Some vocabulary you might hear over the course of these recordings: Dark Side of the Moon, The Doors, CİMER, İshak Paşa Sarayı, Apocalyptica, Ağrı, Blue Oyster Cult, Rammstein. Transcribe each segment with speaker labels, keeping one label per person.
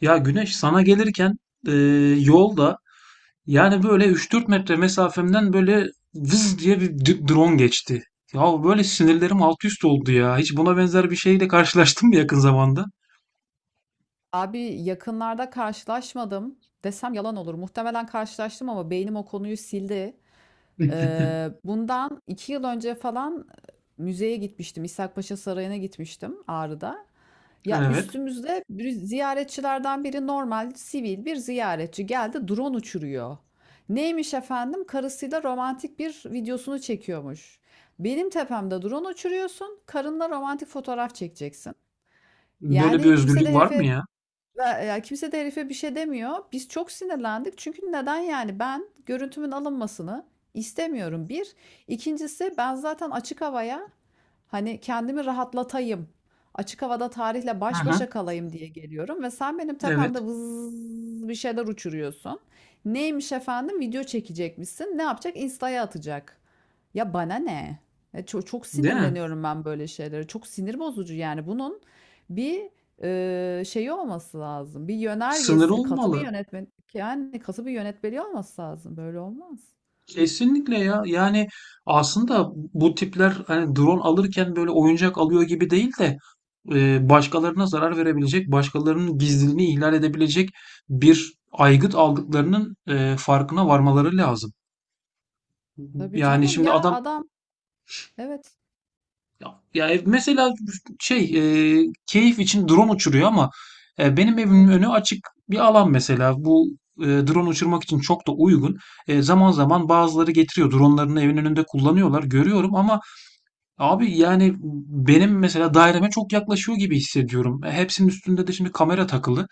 Speaker 1: Ya güneş sana gelirken e, yolda yani böyle 3-4 metre mesafemden böyle vız diye bir drone geçti. Ya böyle sinirlerim alt üst oldu ya. Hiç buna benzer bir şeyle karşılaştın mı yakın zamanda?
Speaker 2: Abi yakınlarda karşılaşmadım desem yalan olur. Muhtemelen karşılaştım ama beynim o konuyu sildi. Bundan 2 yıl önce falan müzeye gitmiştim. İshak Paşa Sarayı'na gitmiştim Ağrı'da. Ya
Speaker 1: Evet.
Speaker 2: üstümüzde bir ziyaretçilerden biri normal sivil bir ziyaretçi geldi drone uçuruyor. Neymiş efendim? Karısıyla romantik bir videosunu çekiyormuş. Benim tepemde drone uçuruyorsun, karınla romantik fotoğraf çekeceksin.
Speaker 1: Böyle bir
Speaker 2: Yani
Speaker 1: özgürlük var mı ya?
Speaker 2: kimse de herife bir şey demiyor. Biz çok sinirlendik. Çünkü neden yani ben görüntümün alınmasını istemiyorum. Bir. İkincisi ben zaten açık havaya, hani kendimi rahatlatayım, açık havada tarihle
Speaker 1: Hı
Speaker 2: baş
Speaker 1: hı.
Speaker 2: başa kalayım diye geliyorum ve sen benim
Speaker 1: Evet.
Speaker 2: tepemde vız bir şeyler uçuruyorsun. Neymiş efendim? Video çekecekmişsin. Ne yapacak? Insta'ya atacak. Ya bana ne? Ya çok, çok
Speaker 1: Değil mi?
Speaker 2: sinirleniyorum ben böyle şeylere. Çok sinir bozucu yani. Bunun bir şeyi olması lazım. Bir
Speaker 1: Sınırı
Speaker 2: yönergesi, katı bir
Speaker 1: olmalı.
Speaker 2: yönetmen yani katı bir yönetmeliği olması lazım. Böyle olmaz.
Speaker 1: Kesinlikle ya. Yani aslında bu tipler hani drone alırken böyle oyuncak alıyor gibi değil de başkalarına zarar verebilecek, başkalarının gizliliğini ihlal edebilecek bir aygıt aldıklarının farkına varmaları lazım.
Speaker 2: Tabii
Speaker 1: Yani
Speaker 2: canım.
Speaker 1: şimdi
Speaker 2: Ya
Speaker 1: adam
Speaker 2: adam, evet.
Speaker 1: ya, ya mesela şey keyif için drone uçuruyor ama benim evimin
Speaker 2: Evet.
Speaker 1: önü açık bir alan mesela. Bu drone uçurmak için çok da uygun. Zaman zaman bazıları getiriyor. Dronlarını evin önünde kullanıyorlar. Görüyorum ama abi yani benim mesela daireme çok yaklaşıyor gibi hissediyorum. Hepsinin üstünde de şimdi kamera takılı.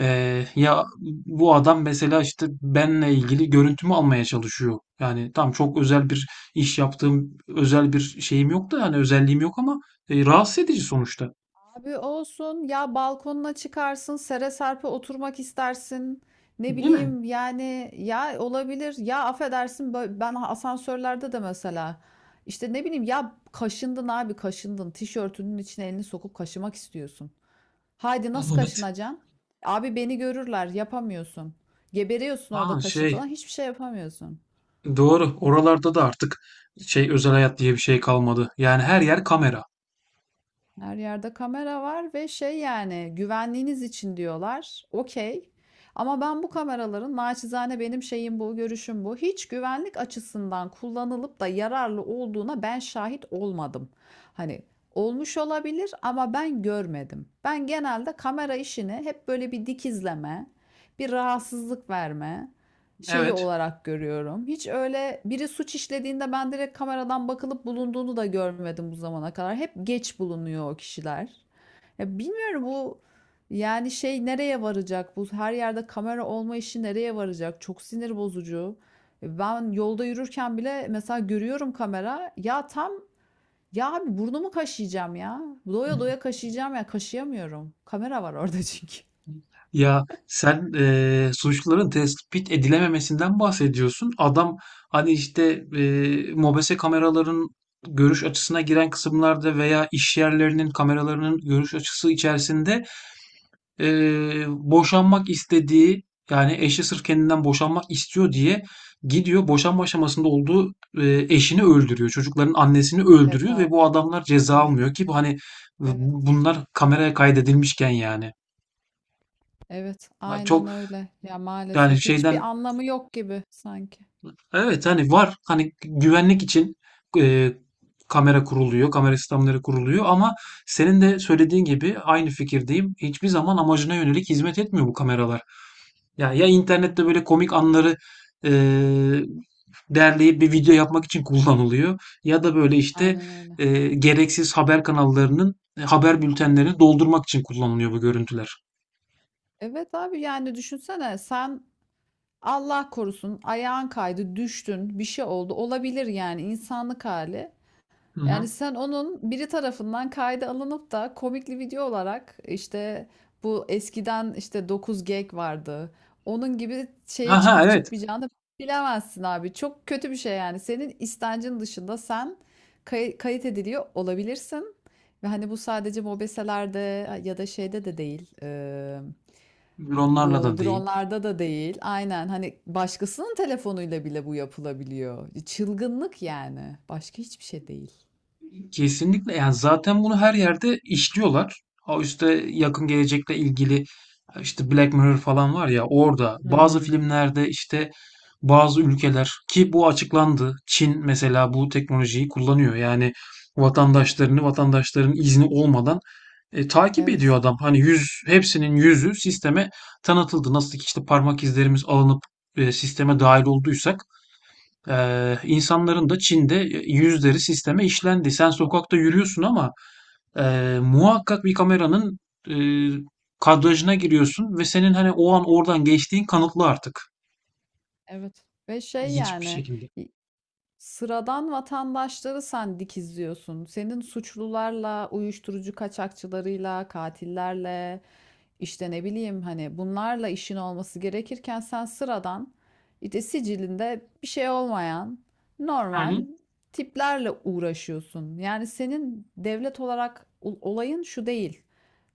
Speaker 1: Ya bu adam mesela işte benle ilgili görüntümü almaya çalışıyor. Yani tam çok özel bir iş yaptığım özel bir şeyim yok da yani özelliğim yok ama rahatsız edici sonuçta.
Speaker 2: Abi olsun ya, balkonuna çıkarsın, sere serpe oturmak istersin, ne
Speaker 1: Değil mi?
Speaker 2: bileyim yani, ya olabilir, ya affedersin, ben asansörlerde de mesela işte ne bileyim, ya kaşındın abi, kaşındın, tişörtünün içine elini sokup kaşımak istiyorsun. Haydi nasıl
Speaker 1: Evet.
Speaker 2: kaşınacaksın? Abi beni görürler, yapamıyorsun. Geberiyorsun orada
Speaker 1: Ha,
Speaker 2: kaşıntıdan, hiçbir şey yapamıyorsun.
Speaker 1: doğru. Oralarda da artık özel hayat diye bir şey kalmadı. Yani her yer kamera.
Speaker 2: Her yerde kamera var ve şey, yani güvenliğiniz için diyorlar. Okey. Ama ben bu kameraların, naçizane benim şeyim bu, görüşüm bu. Hiç güvenlik açısından kullanılıp da yararlı olduğuna ben şahit olmadım. Hani olmuş olabilir ama ben görmedim. Ben genelde kamera işini hep böyle bir dikizleme, bir rahatsızlık verme şeyi
Speaker 1: Evet.
Speaker 2: olarak görüyorum. Hiç öyle biri suç işlediğinde ben direkt kameradan bakılıp bulunduğunu da görmedim bu zamana kadar. Hep geç bulunuyor o kişiler. Ya bilmiyorum, bu yani şey nereye varacak? Bu her yerde kamera olma işi nereye varacak? Çok sinir bozucu. Ben yolda yürürken bile mesela görüyorum kamera. Ya tam, ya abi burnumu kaşıyacağım ya. Doya doya kaşıyacağım ya, kaşıyamıyorum. Kamera var orada çünkü.
Speaker 1: Ya sen suçluların tespit edilememesinden bahsediyorsun. Adam hani işte mobese kameraların görüş açısına giren kısımlarda veya iş yerlerinin kameralarının görüş açısı içerisinde boşanmak istediği yani eşi sırf kendinden boşanmak istiyor diye gidiyor boşanma aşamasında olduğu eşini öldürüyor. Çocukların annesini
Speaker 2: Evet
Speaker 1: öldürüyor ve
Speaker 2: abi,
Speaker 1: bu
Speaker 2: evet.
Speaker 1: adamlar ceza
Speaker 2: Evet.
Speaker 1: almıyor ki bu hani
Speaker 2: Evet.
Speaker 1: bunlar kameraya kaydedilmişken yani.
Speaker 2: Evet,
Speaker 1: Ha,
Speaker 2: aynen
Speaker 1: çok
Speaker 2: öyle. Ya
Speaker 1: yani
Speaker 2: maalesef hiçbir
Speaker 1: şeyden
Speaker 2: anlamı yok gibi sanki.
Speaker 1: evet hani var hani güvenlik için eee, kamera kuruluyor, kamera sistemleri kuruluyor ama senin de söylediğin gibi aynı fikirdeyim. Hiçbir zaman amacına yönelik hizmet etmiyor bu kameralar. Ya
Speaker 2: Hı hı.
Speaker 1: internette böyle komik anları eee, derleyip bir video yapmak için kullanılıyor ya da böyle işte
Speaker 2: Aynen öyle.
Speaker 1: gereksiz haber kanallarının haber bültenlerini doldurmak için kullanılıyor bu görüntüler.
Speaker 2: Evet abi, yani düşünsene sen, Allah korusun, ayağın kaydı, düştün, bir şey oldu, olabilir yani, insanlık hali.
Speaker 1: Hı
Speaker 2: Yani
Speaker 1: hı.
Speaker 2: sen onun biri tarafından kayda alınıp da komikli video olarak, işte bu eskiden işte 9 gag vardı. Onun gibi
Speaker 1: Ha
Speaker 2: şeye
Speaker 1: ha,
Speaker 2: çıkıp
Speaker 1: evet.
Speaker 2: çıkmayacağını bilemezsin abi. Çok kötü bir şey yani. Senin istencin dışında sen kayıt ediliyor olabilirsin. Ve hani bu sadece mobeselerde ya da şeyde de değil.
Speaker 1: Onlarla
Speaker 2: Bu
Speaker 1: da değil.
Speaker 2: dronlarda da değil. Aynen hani başkasının telefonuyla bile bu yapılabiliyor. Çılgınlık yani. Başka hiçbir şey değil.
Speaker 1: Kesinlikle yani zaten bunu her yerde işliyorlar. O işte yakın gelecekle ilgili işte Black Mirror falan var ya, orada
Speaker 2: Hı
Speaker 1: bazı
Speaker 2: hı.
Speaker 1: filmlerde işte bazı ülkeler ki bu açıklandı. Çin mesela bu teknolojiyi kullanıyor. Yani vatandaşlarını vatandaşların izni olmadan takip ediyor
Speaker 2: Evet,
Speaker 1: adam. Hani hepsinin yüzü sisteme tanıtıldı. Nasıl ki işte parmak izlerimiz alınıp sisteme dahil olduysak insanların da Çin'de yüzleri sisteme işlendi. Sen sokakta yürüyorsun ama muhakkak bir kameranın e, kadrajına giriyorsun ve senin hani o an oradan geçtiğin kanıtlı artık.
Speaker 2: evet ve şey
Speaker 1: Hiçbir
Speaker 2: yani,
Speaker 1: şekilde.
Speaker 2: i sıradan vatandaşları sen dikizliyorsun. Senin suçlularla, uyuşturucu kaçakçılarıyla, katillerle, işte ne bileyim hani bunlarla işin olması gerekirken sen sıradan, işte sicilinde bir şey olmayan, normal tiplerle uğraşıyorsun. Yani senin devlet olarak olayın şu değil.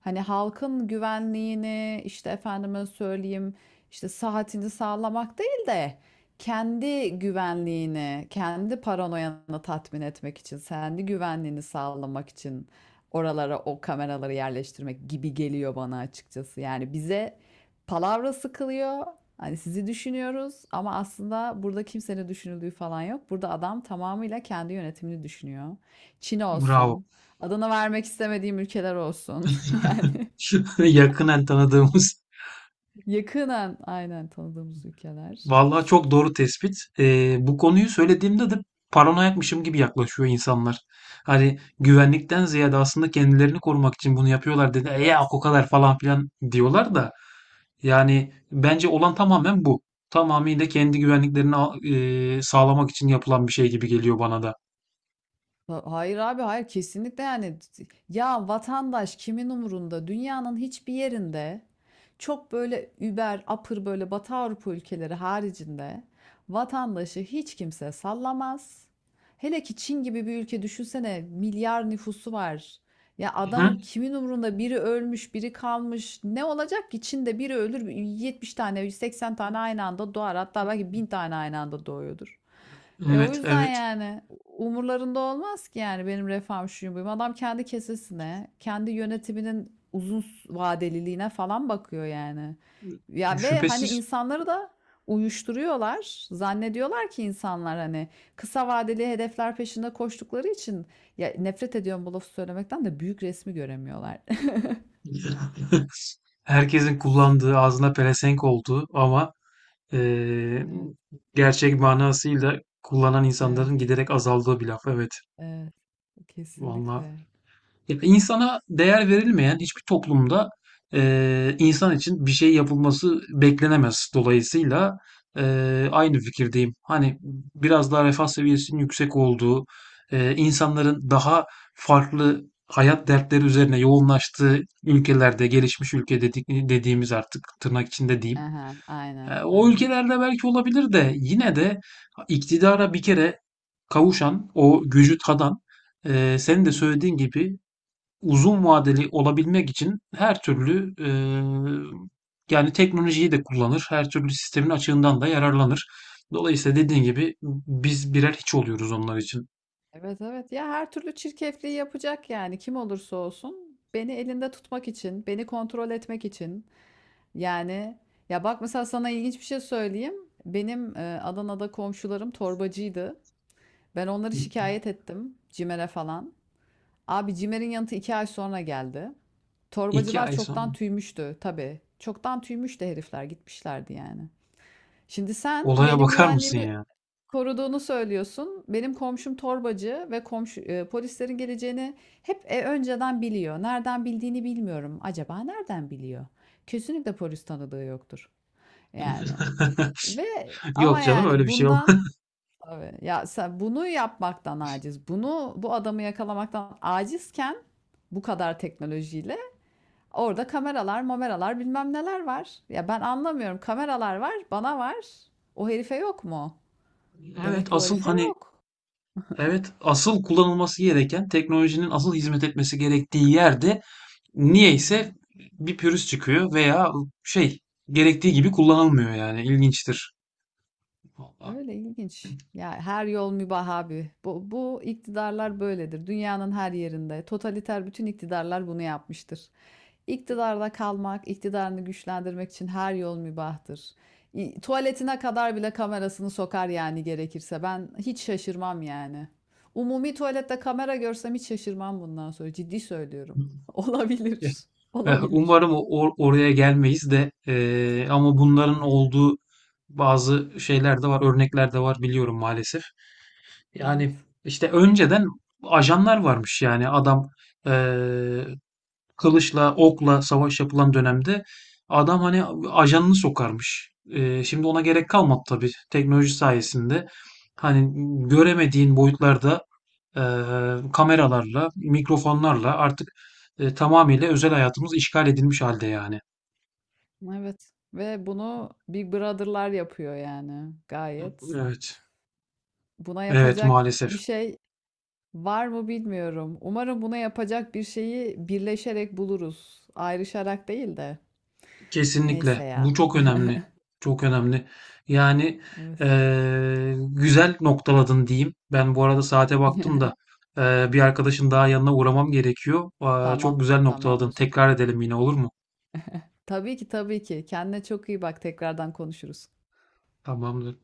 Speaker 2: Hani halkın güvenliğini, işte efendime söyleyeyim, işte saatini sağlamak değil de kendi güvenliğini, kendi paranoyanı tatmin etmek için, kendi güvenliğini sağlamak için oralara o kameraları yerleştirmek gibi geliyor bana açıkçası. Yani bize palavra sıkılıyor. Hani sizi düşünüyoruz ama aslında burada kimsenin düşünüldüğü falan yok. Burada adam tamamıyla kendi yönetimini düşünüyor. Çin
Speaker 1: Bravo.
Speaker 2: olsun, adını vermek istemediğim ülkeler olsun. Yani
Speaker 1: Yakınen tanıdığımız.
Speaker 2: yakından aynen tanıdığımız ülkeler.
Speaker 1: Vallahi çok doğru tespit. Bu konuyu söylediğimde de paranoyakmışım gibi yaklaşıyor insanlar. Hani güvenlikten ziyade aslında kendilerini korumak için bunu yapıyorlar dedi. Ya
Speaker 2: Evet.
Speaker 1: o kadar falan filan diyorlar da. Yani bence olan tamamen bu. Tamamıyla kendi güvenliklerini sağlamak için yapılan bir şey gibi geliyor bana da.
Speaker 2: Hayır abi, hayır, kesinlikle yani, ya vatandaş kimin umurunda dünyanın hiçbir yerinde? Çok böyle über apır böyle Batı Avrupa ülkeleri haricinde vatandaşı hiç kimse sallamaz. Hele ki Çin gibi bir ülke düşünsene, milyar nüfusu var. Ya
Speaker 1: Hı hı.
Speaker 2: adamın, kimin umurunda, biri ölmüş, biri kalmış, ne olacak ki? Çin'de biri ölür, 70 tane, 80 tane aynı anda doğar, hatta belki 1000 tane aynı anda doğuyordur. E o
Speaker 1: Evet,
Speaker 2: yüzden
Speaker 1: evet.
Speaker 2: yani umurlarında olmaz ki, yani benim refahım, şuyum, buyum. Adam kendi kesesine, kendi yönetiminin uzun vadeliliğine falan bakıyor yani. Ya ve hani
Speaker 1: Şüphesiz.
Speaker 2: insanları da uyuşturuyorlar. Zannediyorlar ki insanlar hani kısa vadeli hedefler peşinde koştukları için, ya nefret ediyorum bu lafı söylemekten de, büyük resmi göremiyorlar.
Speaker 1: Herkesin kullandığı, ağzına pelesenk olduğu ama eee,
Speaker 2: Evet,
Speaker 1: gerçek manasıyla kullanan
Speaker 2: evet,
Speaker 1: insanların giderek azaldığı bir laf. Evet.
Speaker 2: evet.
Speaker 1: Vallahi
Speaker 2: Kesinlikle.
Speaker 1: ya insana değer verilmeyen hiçbir toplumda insan için bir şey yapılması beklenemez. Dolayısıyla aynı fikirdeyim. Hani biraz daha refah seviyesinin yüksek olduğu, insanların daha farklı hayat dertleri üzerine yoğunlaştığı ülkelerde, gelişmiş ülke dediğimiz artık tırnak içinde diyeyim.
Speaker 2: Aha, aynen,
Speaker 1: O
Speaker 2: aynen.
Speaker 1: ülkelerde belki olabilir de yine de iktidara bir kere kavuşan, o gücü tadan, senin de
Speaker 2: Hı hı.
Speaker 1: söylediğin gibi uzun vadeli olabilmek için her türlü yani teknolojiyi de kullanır, her türlü sistemin açığından da yararlanır. Dolayısıyla dediğin gibi biz birer hiç oluyoruz onlar için.
Speaker 2: Evet evet, ya her türlü çirkefliği yapacak yani, kim olursa olsun, beni elinde tutmak için, beni kontrol etmek için. Yani ya bak, mesela sana ilginç bir şey söyleyeyim, benim Adana'da komşularım torbacıydı. Ben onları şikayet ettim CİMER'e falan, abi CİMER'in yanıtı 2 ay sonra geldi.
Speaker 1: İki
Speaker 2: Torbacılar
Speaker 1: ay sonra.
Speaker 2: çoktan tüymüştü, tabii çoktan tüymüştü herifler, gitmişlerdi yani. Şimdi sen
Speaker 1: Olaya
Speaker 2: benim
Speaker 1: bakar mısın
Speaker 2: güvenliğimi
Speaker 1: ya?
Speaker 2: koruduğunu söylüyorsun. Benim komşum torbacı ve komşu polislerin geleceğini hep önceden biliyor. Nereden bildiğini bilmiyorum. Acaba nereden biliyor? Kesinlikle polis tanıdığı yoktur. Yani ve ama
Speaker 1: Yok canım, öyle
Speaker 2: yani
Speaker 1: bir şey yok.
Speaker 2: bundan, tabii ya sen bunu yapmaktan aciz. Bunu, bu adamı yakalamaktan acizken bu kadar teknolojiyle orada kameralar, mameralar, bilmem neler var. Ya ben anlamıyorum. Kameralar var, bana var. O herife yok mu?
Speaker 1: Evet
Speaker 2: Demek ki o
Speaker 1: asıl
Speaker 2: herife
Speaker 1: hani
Speaker 2: yok.
Speaker 1: evet asıl kullanılması gereken teknolojinin asıl hizmet etmesi gerektiği yerde
Speaker 2: Hı
Speaker 1: niyeyse
Speaker 2: hı.
Speaker 1: bir pürüz çıkıyor veya şey gerektiği gibi kullanılmıyor yani ilginçtir. Vallahi.
Speaker 2: Öyle ilginç. Ya her yol mübah abi. Bu iktidarlar böyledir. Dünyanın her yerinde. Totaliter bütün iktidarlar bunu yapmıştır. İktidarda kalmak, iktidarını güçlendirmek için her yol mübahtır. Tuvaletine kadar bile kamerasını sokar yani gerekirse. Ben hiç şaşırmam yani. Umumi tuvalette kamera görsem hiç şaşırmam bundan sonra. Ciddi söylüyorum.
Speaker 1: Ya,
Speaker 2: Olabilir. Olabilir.
Speaker 1: umarım oraya gelmeyiz de, ama bunların
Speaker 2: Aynen.
Speaker 1: olduğu bazı şeyler de var, örnekler de var, biliyorum maalesef. Yani
Speaker 2: Evet.
Speaker 1: işte önceden ajanlar varmış yani adam eee, kılıçla, okla savaş yapılan dönemde adam hani ajanını sokarmış. Şimdi ona gerek kalmadı tabii teknoloji sayesinde. Hani göremediğin boyutlarda kameralarla, mikrofonlarla artık tamamıyla özel hayatımız işgal edilmiş halde yani.
Speaker 2: Evet ve bunu Big Brother'lar yapıyor yani gayet.
Speaker 1: Evet.
Speaker 2: Buna
Speaker 1: Evet
Speaker 2: yapacak
Speaker 1: maalesef.
Speaker 2: bir şey var mı bilmiyorum. Umarım buna yapacak bir şeyi birleşerek buluruz. Ayrışarak değil de.
Speaker 1: Kesinlikle.
Speaker 2: Neyse ya.
Speaker 1: Bu çok önemli. Çok önemli. Yani
Speaker 2: Evet.
Speaker 1: güzel noktaladın diyeyim. Ben bu arada saate baktım da bir arkadaşın daha yanına uğramam gerekiyor. Aa, çok
Speaker 2: Tamam,
Speaker 1: güzel noktaladın.
Speaker 2: tamamdır.
Speaker 1: Tekrar edelim, yine olur mu?
Speaker 2: Tabii ki, tabii ki. Kendine çok iyi bak. Tekrardan konuşuruz.
Speaker 1: Tamamdır.